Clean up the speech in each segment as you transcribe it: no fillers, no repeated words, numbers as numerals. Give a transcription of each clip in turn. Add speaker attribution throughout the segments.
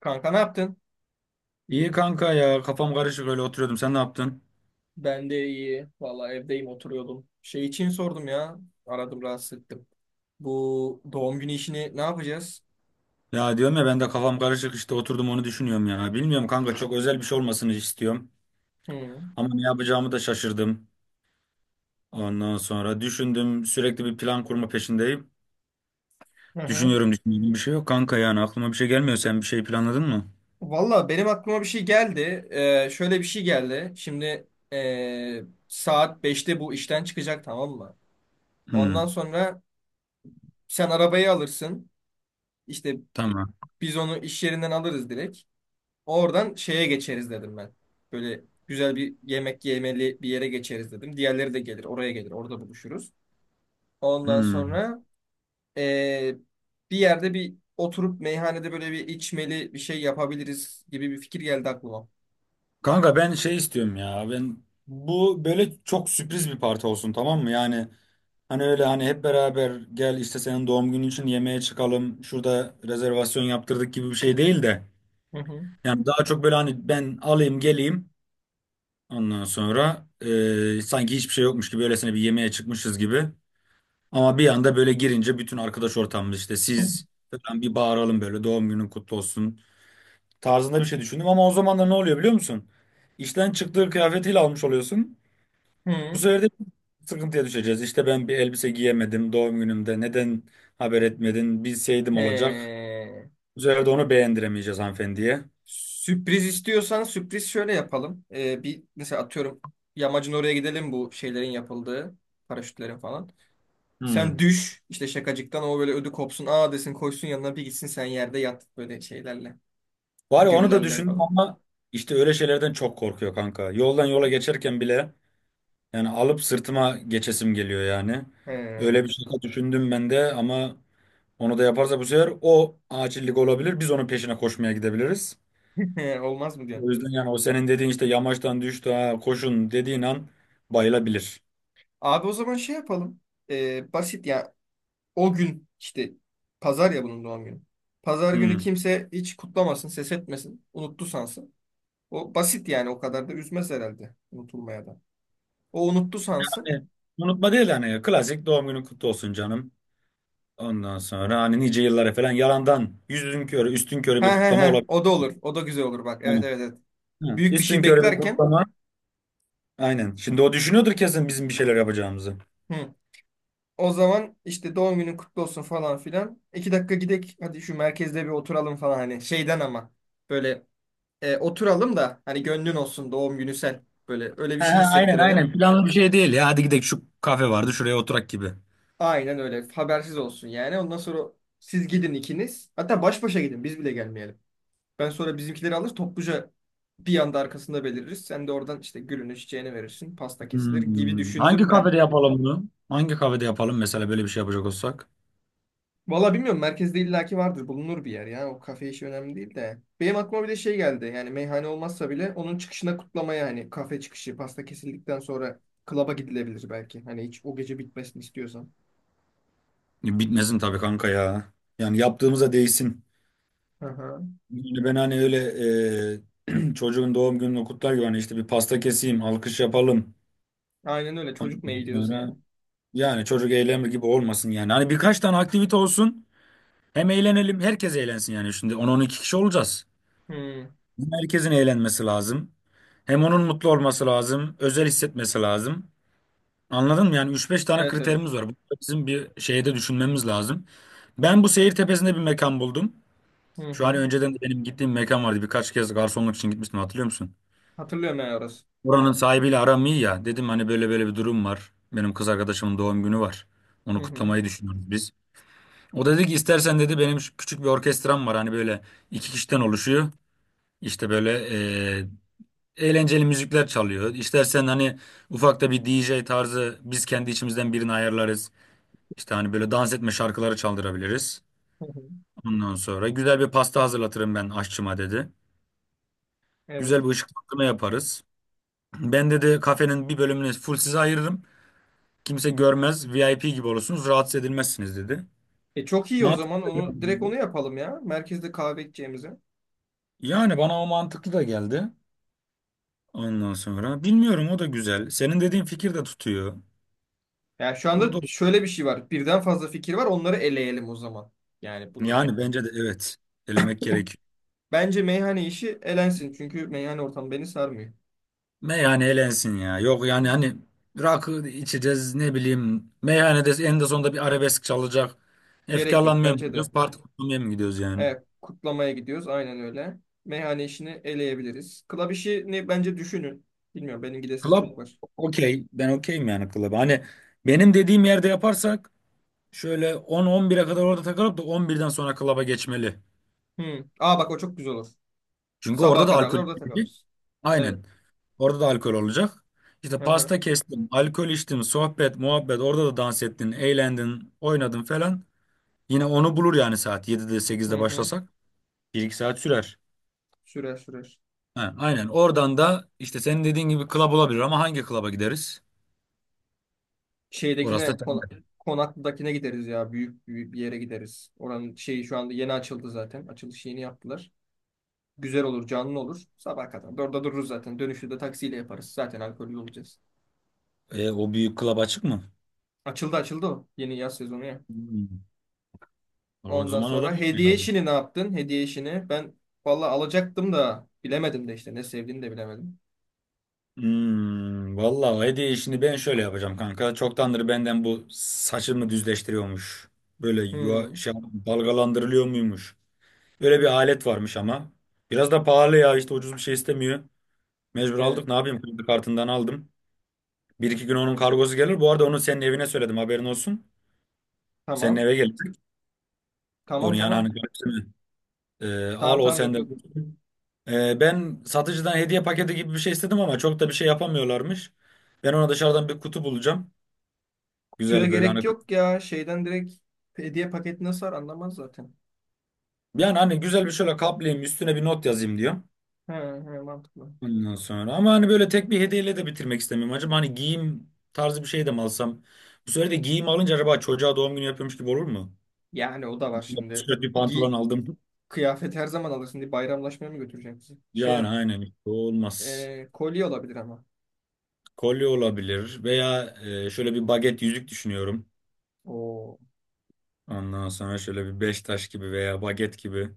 Speaker 1: Kanka ne yaptın?
Speaker 2: İyi kanka ya kafam karışık öyle oturuyordum sen ne yaptın?
Speaker 1: Ben de iyi. Valla evdeyim oturuyordum. Şey için sordum ya. Aradım rahatsız ettim. Bu doğum günü işini ne yapacağız?
Speaker 2: Ya diyorum ya ben de kafam karışık işte oturdum onu düşünüyorum ya. Bilmiyorum kanka çok özel bir şey olmasını istiyorum.
Speaker 1: Hı.
Speaker 2: Ama ne yapacağımı da şaşırdım. Ondan sonra düşündüm sürekli bir plan kurma peşindeyim.
Speaker 1: Hı hı.
Speaker 2: Düşünüyorum düşünüyorum bir şey yok kanka yani aklıma bir şey gelmiyor sen bir şey planladın mı?
Speaker 1: Valla benim aklıma bir şey geldi. Şöyle bir şey geldi. Şimdi saat 5'te bu işten çıkacak, tamam mı? Ondan
Speaker 2: Hmm,
Speaker 1: sonra sen arabayı alırsın. İşte
Speaker 2: tamam.
Speaker 1: biz onu iş yerinden alırız direkt. Oradan şeye geçeriz dedim ben. Böyle güzel bir yemek yemeli bir yere geçeriz dedim. Diğerleri de gelir, oraya gelir, orada buluşuruz. Ondan
Speaker 2: Hmm.
Speaker 1: sonra eee, bir yerde bir oturup meyhanede böyle bir içmeli bir şey yapabiliriz gibi bir fikir geldi aklıma.
Speaker 2: Kanka ben şey istiyorum ya. Ben bu böyle çok sürpriz bir parti olsun tamam mı? Yani hani öyle hani hep beraber gel işte senin doğum günün için yemeğe çıkalım. Şurada rezervasyon yaptırdık gibi bir şey değil de.
Speaker 1: Hı hı.
Speaker 2: Yani daha çok böyle hani ben alayım geleyim. Ondan sonra sanki hiçbir şey yokmuş gibi öylesine bir yemeğe çıkmışız gibi. Ama bir anda böyle girince bütün arkadaş ortamımız işte siz falan bir bağıralım böyle doğum günün kutlu olsun tarzında bir şey düşündüm ama o zaman da ne oluyor biliyor musun? İşten çıktığı kıyafetiyle almış oluyorsun. Bu
Speaker 1: Hı.
Speaker 2: sefer de sıkıntıya düşeceğiz. İşte ben bir elbise giyemedim doğum günümde. Neden haber etmedin? Bilseydim olacak.
Speaker 1: He.
Speaker 2: Bu sefer de onu beğendiremeyeceğiz hanımefendiye.
Speaker 1: Sürpriz istiyorsan sürpriz şöyle yapalım. Bir mesela atıyorum yamacın oraya gidelim, bu şeylerin yapıldığı paraşütlerin falan.
Speaker 2: Hmm.
Speaker 1: Sen düş işte şakacıktan, o böyle ödü kopsun. Aa desin, koysun yanına, bir gitsin sen yerde yat böyle şeylerle.
Speaker 2: Var ya onu da
Speaker 1: Güllerle
Speaker 2: düşündüm
Speaker 1: falan.
Speaker 2: ama işte öyle şeylerden çok korkuyor kanka. Yoldan yola geçerken bile yani alıp sırtıma geçesim geliyor yani.
Speaker 1: He.
Speaker 2: Öyle bir şey düşündüm ben de ama onu da yaparsa bu sefer o acillik olabilir. Biz onun peşine koşmaya gidebiliriz.
Speaker 1: Olmaz mı diyorsun?
Speaker 2: O yüzden yani o senin dediğin işte yamaçtan düştü ha koşun dediğin an bayılabilir.
Speaker 1: Abi o zaman şey yapalım. Basit ya. O gün işte pazar ya bunun doğum günü. Pazar günü
Speaker 2: Hmm.
Speaker 1: kimse hiç kutlamasın, ses etmesin. Unuttu sansın. O basit yani, o kadar da üzmez herhalde unutulmaya da. O unuttu sansın.
Speaker 2: Hani unutma değil hani klasik doğum günün kutlu olsun canım. Ondan sonra hani nice yıllara falan yalandan yüzün körü üstün körü
Speaker 1: He
Speaker 2: bir
Speaker 1: he
Speaker 2: kutlama
Speaker 1: he,
Speaker 2: olabilir.
Speaker 1: o da olur. O da güzel olur bak. Evet
Speaker 2: Yani,
Speaker 1: evet evet.
Speaker 2: hı,
Speaker 1: Büyük bir
Speaker 2: üstün
Speaker 1: şey
Speaker 2: körü bir
Speaker 1: beklerken.
Speaker 2: kutlama. Aynen. Şimdi o düşünüyordur kesin bizim bir şeyler yapacağımızı.
Speaker 1: Hı. O zaman işte doğum günün kutlu olsun falan filan. 2 dakika gidek, hadi şu merkezde bir oturalım falan, hani şeyden ama böyle oturalım da, hani gönlün olsun doğum günü, sen böyle öyle bir
Speaker 2: He, he,
Speaker 1: şey
Speaker 2: aynen
Speaker 1: hissettirelim.
Speaker 2: aynen planlı bir şey değil ya. Hadi gidelim şu kafe vardı şuraya oturak gibi.
Speaker 1: Aynen öyle habersiz olsun yani, ondan sonra siz gidin ikiniz, hatta baş başa gidin, biz bile gelmeyelim. Ben sonra bizimkileri alır, topluca bir anda arkasında beliririz. Sen de oradan işte gülünü çiçeğini verirsin, pasta kesilir gibi
Speaker 2: Hmm. Hangi
Speaker 1: düşündüm ben.
Speaker 2: kafede yapalım bunu? Hangi kafede yapalım mesela böyle bir şey yapacak olsak?
Speaker 1: Valla bilmiyorum, merkezde illaki vardır, bulunur bir yer ya, o kafe işi önemli değil de. Benim aklıma bir de şey geldi yani, meyhane olmazsa bile onun çıkışına kutlamaya, hani kafe çıkışı pasta kesildikten sonra klaba gidilebilir belki. Hani hiç o gece bitmesini istiyorsan.
Speaker 2: Bitmesin tabii kanka ya. Yani yaptığımıza değsin.
Speaker 1: Hı hı.
Speaker 2: Yani ben hani öyle çocuğun doğum gününü kutlar gibi hani işte bir pasta keseyim, alkış yapalım.
Speaker 1: Aynen öyle çocuk mu
Speaker 2: Ondan
Speaker 1: eğiliyoruz yani.
Speaker 2: sonra yani çocuk eğlenme gibi olmasın yani. Hani birkaç tane aktivite olsun. Hem eğlenelim, herkes eğlensin yani. Şimdi on on iki kişi olacağız.
Speaker 1: Hı.
Speaker 2: Hem herkesin eğlenmesi lazım. Hem onun mutlu olması lazım, özel hissetmesi lazım. Anladın mı? Yani üç beş tane
Speaker 1: Evet evet.
Speaker 2: kriterimiz var. Bu da bizim bir şeyde düşünmemiz lazım. Ben bu seyir tepesinde bir mekan buldum.
Speaker 1: Hı
Speaker 2: Şu
Speaker 1: hı.
Speaker 2: hani önceden de benim gittiğim mekan vardı. Birkaç kez garsonluk için gitmiştim hatırlıyor musun?
Speaker 1: Hatırlıyorum ben orası.
Speaker 2: Oranın sahibiyle aram iyi ya. Dedim hani böyle böyle bir durum var. Benim kız arkadaşımın doğum günü var.
Speaker 1: Hı
Speaker 2: Onu
Speaker 1: hı.
Speaker 2: kutlamayı düşünüyoruz biz. O dedi ki istersen dedi benim şu küçük bir orkestram var. Hani böyle iki kişiden oluşuyor. İşte böyle eğlenceli müzikler çalıyor. İstersen hani ufak da bir DJ tarzı biz kendi içimizden birini ayarlarız. İşte hani böyle dans etme şarkıları çaldırabiliriz.
Speaker 1: Hı hı.
Speaker 2: Ondan sonra güzel bir pasta hazırlatırım ben aşçıma dedi. Güzel
Speaker 1: Evet.
Speaker 2: bir ışıklandırma yaparız. Ben dedi kafenin bir bölümünü full size ayırırım. Kimse görmez. VIP gibi olursunuz. Rahatsız edilmezsiniz dedi.
Speaker 1: E çok iyi o zaman,
Speaker 2: Mantıklı da geldi.
Speaker 1: onu direkt onu yapalım ya, merkezde kahve içeceğimize.
Speaker 2: Yani bana o mantıklı da geldi. Ondan sonra bilmiyorum o da güzel. Senin dediğin fikir de tutuyor.
Speaker 1: Yani şu
Speaker 2: O
Speaker 1: anda
Speaker 2: da
Speaker 1: şöyle bir şey var, birden fazla fikir var, onları eleyelim o zaman. Yani bunu
Speaker 2: yani bence de evet elemek gerekiyor.
Speaker 1: Bence meyhane işi elensin. Çünkü meyhane ortamı beni sarmıyor.
Speaker 2: Meyhane elensin ya. Yok yani hani rakı içeceğiz ne bileyim. Meyhanede en de sonunda bir arabesk çalacak.
Speaker 1: Gerek yok
Speaker 2: Efkarlanmaya mı
Speaker 1: bence de.
Speaker 2: gidiyoruz? Parti kurmaya mı gidiyoruz yani?
Speaker 1: Evet, kutlamaya gidiyoruz. Aynen öyle. Meyhane işini eleyebiliriz. Club işini bence düşünün. Bilmiyorum, benim gidesim
Speaker 2: Club
Speaker 1: çok var.
Speaker 2: okey. Ben okeyim yani club. Hani benim dediğim yerde yaparsak şöyle 10-11'e kadar orada takılıp da 11'den sonra club'a geçmeli.
Speaker 1: Hmm. Aa bak, o çok güzel olur.
Speaker 2: Çünkü orada
Speaker 1: Sabaha
Speaker 2: da
Speaker 1: kadar da
Speaker 2: alkol
Speaker 1: orada
Speaker 2: içildi.
Speaker 1: takılırız. Evet.
Speaker 2: Aynen. Orada da alkol olacak. İşte
Speaker 1: Hı hı.
Speaker 2: pasta kestim, alkol içtim, sohbet, muhabbet. Orada da dans ettin, eğlendin, oynadın falan. Yine onu bulur yani saat 7'de 8'de
Speaker 1: Hı hı.
Speaker 2: başlasak. Bir iki saat sürer.
Speaker 1: Sürer sürer.
Speaker 2: Ha, aynen. Oradan da işte senin dediğin gibi club olabilir ama hangi club'a gideriz? Orası
Speaker 1: Şeydekine
Speaker 2: da
Speaker 1: kona-
Speaker 2: sende.
Speaker 1: Konaklı'dakine gideriz ya. Büyük, büyük bir yere gideriz. Oranın şeyi şu anda yeni açıldı zaten. Açılış yeni yaptılar. Güzel olur, canlı olur. Sabah kadar da orada dururuz zaten. Dönüşü de taksiyle yaparız, zaten alkollü olacağız.
Speaker 2: E, o büyük club açık mı?
Speaker 1: Açıldı açıldı o. Yeni yaz sezonu ya.
Speaker 2: Hmm. O
Speaker 1: Ondan
Speaker 2: zaman
Speaker 1: sonra
Speaker 2: olabilir mi
Speaker 1: hediye
Speaker 2: ya bu?
Speaker 1: işini ne yaptın? Hediye işini ben valla alacaktım da bilemedim de işte. Ne sevdiğini de bilemedim.
Speaker 2: Vallahi hediye işini ben şöyle yapacağım kanka. Çoktandır benden bu saçımı düzleştiriyormuş. Böyle yuva,
Speaker 1: Hmm,
Speaker 2: şey, dalgalandırılıyor muymuş? Böyle bir alet varmış ama. Biraz da pahalı ya işte ucuz bir şey istemiyor. Mecbur aldık
Speaker 1: evet.
Speaker 2: ne yapayım kredi kartından aldım. Bir iki gün onun kargosu gelir. Bu arada onu senin evine söyledim haberin olsun. Senin
Speaker 1: Tamam.
Speaker 2: eve gelecek.
Speaker 1: Tamam
Speaker 2: Onu yani hani
Speaker 1: tamam.
Speaker 2: Al
Speaker 1: Tamam
Speaker 2: o
Speaker 1: tamam, yok yok.
Speaker 2: sende dursun. Ben satıcıdan hediye paketi gibi bir şey istedim ama çok da bir şey yapamıyorlarmış. Ben ona dışarıdan bir kutu bulacağım.
Speaker 1: Kutuya
Speaker 2: Güzel böyle
Speaker 1: gerek
Speaker 2: hani.
Speaker 1: yok ya. Şeyden direkt hediye paketi nasıl var anlamaz zaten.
Speaker 2: Yani hani güzel bir şöyle kaplayayım üstüne bir not yazayım diyor.
Speaker 1: He, he, mantıklı.
Speaker 2: Ondan sonra ama hani böyle tek bir hediyeyle de bitirmek istemiyorum. Acaba hani giyim tarzı bir şey de mi alsam? Bu sefer de giyim alınca acaba çocuğa doğum günü yapıyormuş gibi olur mu?
Speaker 1: Yani o da var
Speaker 2: Hani böyle bir
Speaker 1: şimdi.
Speaker 2: tişört, bir pantolon
Speaker 1: Gi
Speaker 2: aldım.
Speaker 1: Kıyafet her zaman alırsın, diye bayramlaşmaya mı götüreceksin? Şey
Speaker 2: Yani
Speaker 1: yap.
Speaker 2: aynen o olmaz.
Speaker 1: Kolye olabilir ama.
Speaker 2: Kolye olabilir veya şöyle bir baget yüzük düşünüyorum.
Speaker 1: Oo.
Speaker 2: Ondan sonra şöyle bir beş taş gibi veya baget gibi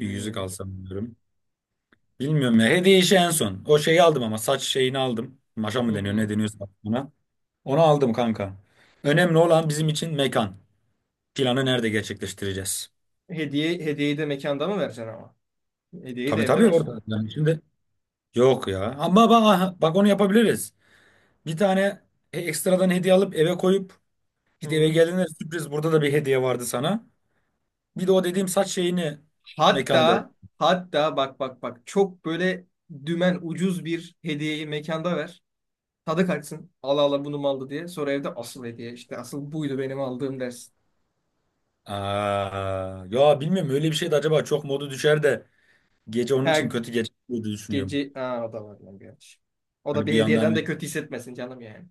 Speaker 2: bir yüzük alsam diyorum. Bilmiyorum ya. Hediye işi en son. O şeyi aldım ama saç şeyini aldım. Maşa mı
Speaker 1: Hı
Speaker 2: deniyor ne
Speaker 1: hı.
Speaker 2: deniyorsa buna. Onu aldım kanka. Önemli olan bizim için mekan. Planı nerede gerçekleştireceğiz?
Speaker 1: Hediye, hediyeyi de mekanda mı vereceksin ama? Hediyeyi de
Speaker 2: Tabii
Speaker 1: evde
Speaker 2: tabii
Speaker 1: ver.
Speaker 2: orada. Yani şimdi yok ya. Ama bak, bak onu yapabiliriz. Bir tane ekstradan hediye alıp eve koyup işte eve
Speaker 1: Hı.
Speaker 2: geldiğinde sürpriz burada da bir hediye vardı sana. Bir de o dediğim saç şeyini mekanda.
Speaker 1: Hatta hatta bak bak bak, çok böyle dümen ucuz bir hediyeyi mekanda ver. Tadı kaçsın. Allah Allah, bunu mu aldı diye. Sonra evde asıl hediye, işte asıl buydu benim aldığım dersin.
Speaker 2: Aa, ya bilmiyorum öyle bir şey de acaba çok modu düşer de gece onun için
Speaker 1: Her
Speaker 2: kötü geçer diye düşünüyorum.
Speaker 1: gece. Aa, o da var lan gerçi. O da
Speaker 2: Hani
Speaker 1: bir
Speaker 2: bir
Speaker 1: hediyeden de
Speaker 2: yandan
Speaker 1: kötü hissetmesin canım yani.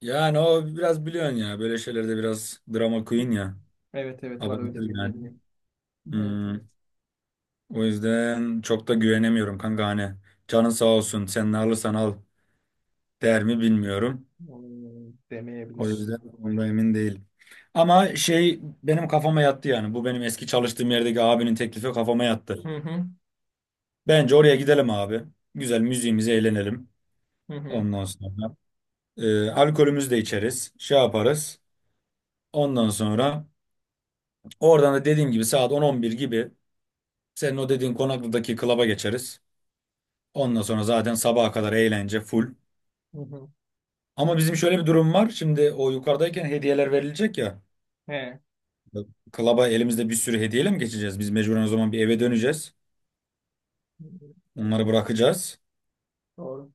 Speaker 2: yani o biraz biliyorsun ya böyle şeylerde biraz drama queen ya.
Speaker 1: Evet evet, var öyle
Speaker 2: Abartır
Speaker 1: bir
Speaker 2: yani.
Speaker 1: özelliği. Evet
Speaker 2: Hmm,
Speaker 1: evet.
Speaker 2: o yüzden çok da güvenemiyorum kanka hani. Canın sağ olsun sen ne alırsan al der mi bilmiyorum.
Speaker 1: Hmm,
Speaker 2: O
Speaker 1: demeyebilir.
Speaker 2: yüzden onda emin değilim. Ama şey benim kafama yattı yani. Bu benim eski çalıştığım yerdeki abinin teklifi kafama
Speaker 1: Hı
Speaker 2: yattı.
Speaker 1: hı.
Speaker 2: Bence oraya gidelim abi. Güzel müziğimizi eğlenelim.
Speaker 1: Hı hı.
Speaker 2: Ondan sonra alkolümüzü de içeriz. Şey yaparız. Ondan sonra oradan da dediğim gibi saat 10-11 gibi senin o dediğin Konaklı'daki klaba geçeriz. Ondan sonra zaten sabaha kadar eğlence full.
Speaker 1: Hı hı.
Speaker 2: Ama bizim şöyle bir durum var. Şimdi o yukarıdayken hediyeler verilecek ya.
Speaker 1: He.
Speaker 2: Klaba elimizde bir sürü hediyeyle mi geçeceğiz? Biz mecburen o zaman bir eve döneceğiz. Onları bırakacağız.
Speaker 1: Doğru.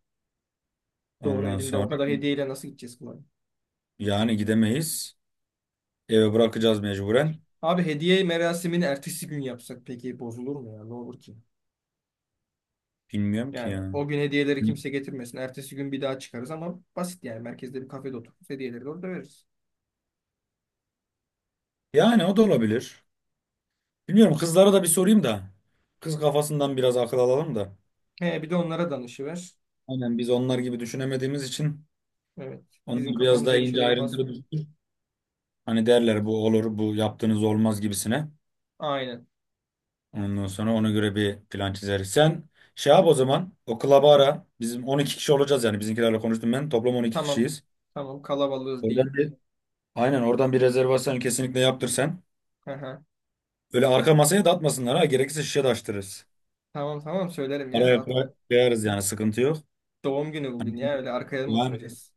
Speaker 1: Doğru.
Speaker 2: Ondan
Speaker 1: Elinde o
Speaker 2: sonra
Speaker 1: kadar hediyeyle nasıl gideceğiz kolay?
Speaker 2: yani gidemeyiz. Eve bırakacağız mecburen.
Speaker 1: Abi hediye merasimini ertesi gün yapsak peki, bozulur mu ya? Ne olur ki?
Speaker 2: Bilmiyorum ki
Speaker 1: Yani
Speaker 2: ya.
Speaker 1: o gün hediyeleri kimse getirmesin. Ertesi gün bir daha çıkarız ama basit yani. Merkezde bir kafede otururuz. Hediyeleri de orada veririz.
Speaker 2: Yani o da olabilir. Bilmiyorum kızlara da bir sorayım da. Kız kafasından biraz akıl alalım da.
Speaker 1: He, bir de onlara danışıver.
Speaker 2: Aynen biz onlar gibi düşünemediğimiz için
Speaker 1: Evet. Bizim
Speaker 2: onlar biraz
Speaker 1: kafamız
Speaker 2: daha
Speaker 1: öyle
Speaker 2: ince
Speaker 1: şeylere
Speaker 2: ayrıntılı
Speaker 1: basmıyor.
Speaker 2: düşünür. Hani derler bu olur bu yaptığınız olmaz gibisine.
Speaker 1: Aynen.
Speaker 2: Ondan sonra ona göre bir plan çizeriz. Sen şey yap o zaman o klaba ara. Bizim 12 kişi olacağız yani bizimkilerle konuştum ben. Toplam 12
Speaker 1: Tamam.
Speaker 2: kişiyiz.
Speaker 1: Tamam, kalabalığız
Speaker 2: Oradan
Speaker 1: diyeyim.
Speaker 2: bir aynen oradan bir rezervasyon kesinlikle yaptır sen.
Speaker 1: Hı hı.
Speaker 2: Öyle arka masaya da atmasınlar ha. Gerekirse şişe de açtırırız.
Speaker 1: Tamam tamam, söylerim ya,
Speaker 2: Araya
Speaker 1: rahat ol.
Speaker 2: koyarız yani sıkıntı yok.
Speaker 1: Doğum günü
Speaker 2: Hani-
Speaker 1: bugün ya, öyle arkaya mı
Speaker 2: Yani
Speaker 1: oturacağız?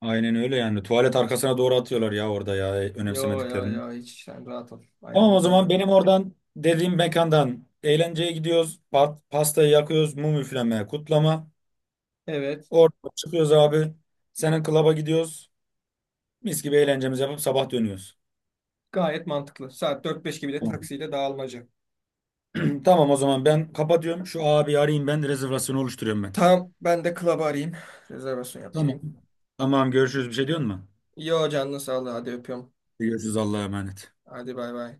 Speaker 2: aynen öyle yani. Tuvalet arkasına doğru atıyorlar ya orada ya
Speaker 1: Yo yo
Speaker 2: önemsemediklerini.
Speaker 1: yo, hiç sen rahat ol.
Speaker 2: Tamam o
Speaker 1: Ayarlayacağım
Speaker 2: zaman
Speaker 1: ben.
Speaker 2: benim oradan dediğim mekandan eğlenceye gidiyoruz. Pastayı yakıyoruz. Mum üfleme, kutlama.
Speaker 1: Evet.
Speaker 2: Oradan çıkıyoruz abi. Senin klaba gidiyoruz. Mis gibi eğlencemizi yapıp sabah dönüyoruz.
Speaker 1: Gayet mantıklı. Saat 4-5 gibi de
Speaker 2: Tamam.
Speaker 1: taksiyle dağılmaca.
Speaker 2: Tamam o zaman ben kapatıyorum. Şu abi arayayım ben rezervasyonu oluşturuyorum ben.
Speaker 1: Tamam, ben de club'ı arayayım. Rezervasyon
Speaker 2: Tamam.
Speaker 1: yaptırayım.
Speaker 2: Tamam görüşürüz. Bir şey diyor mu?
Speaker 1: Yo, canını sağlığı, hadi öpüyorum.
Speaker 2: Görüşürüz Allah'a emanet.
Speaker 1: Hadi bay bay.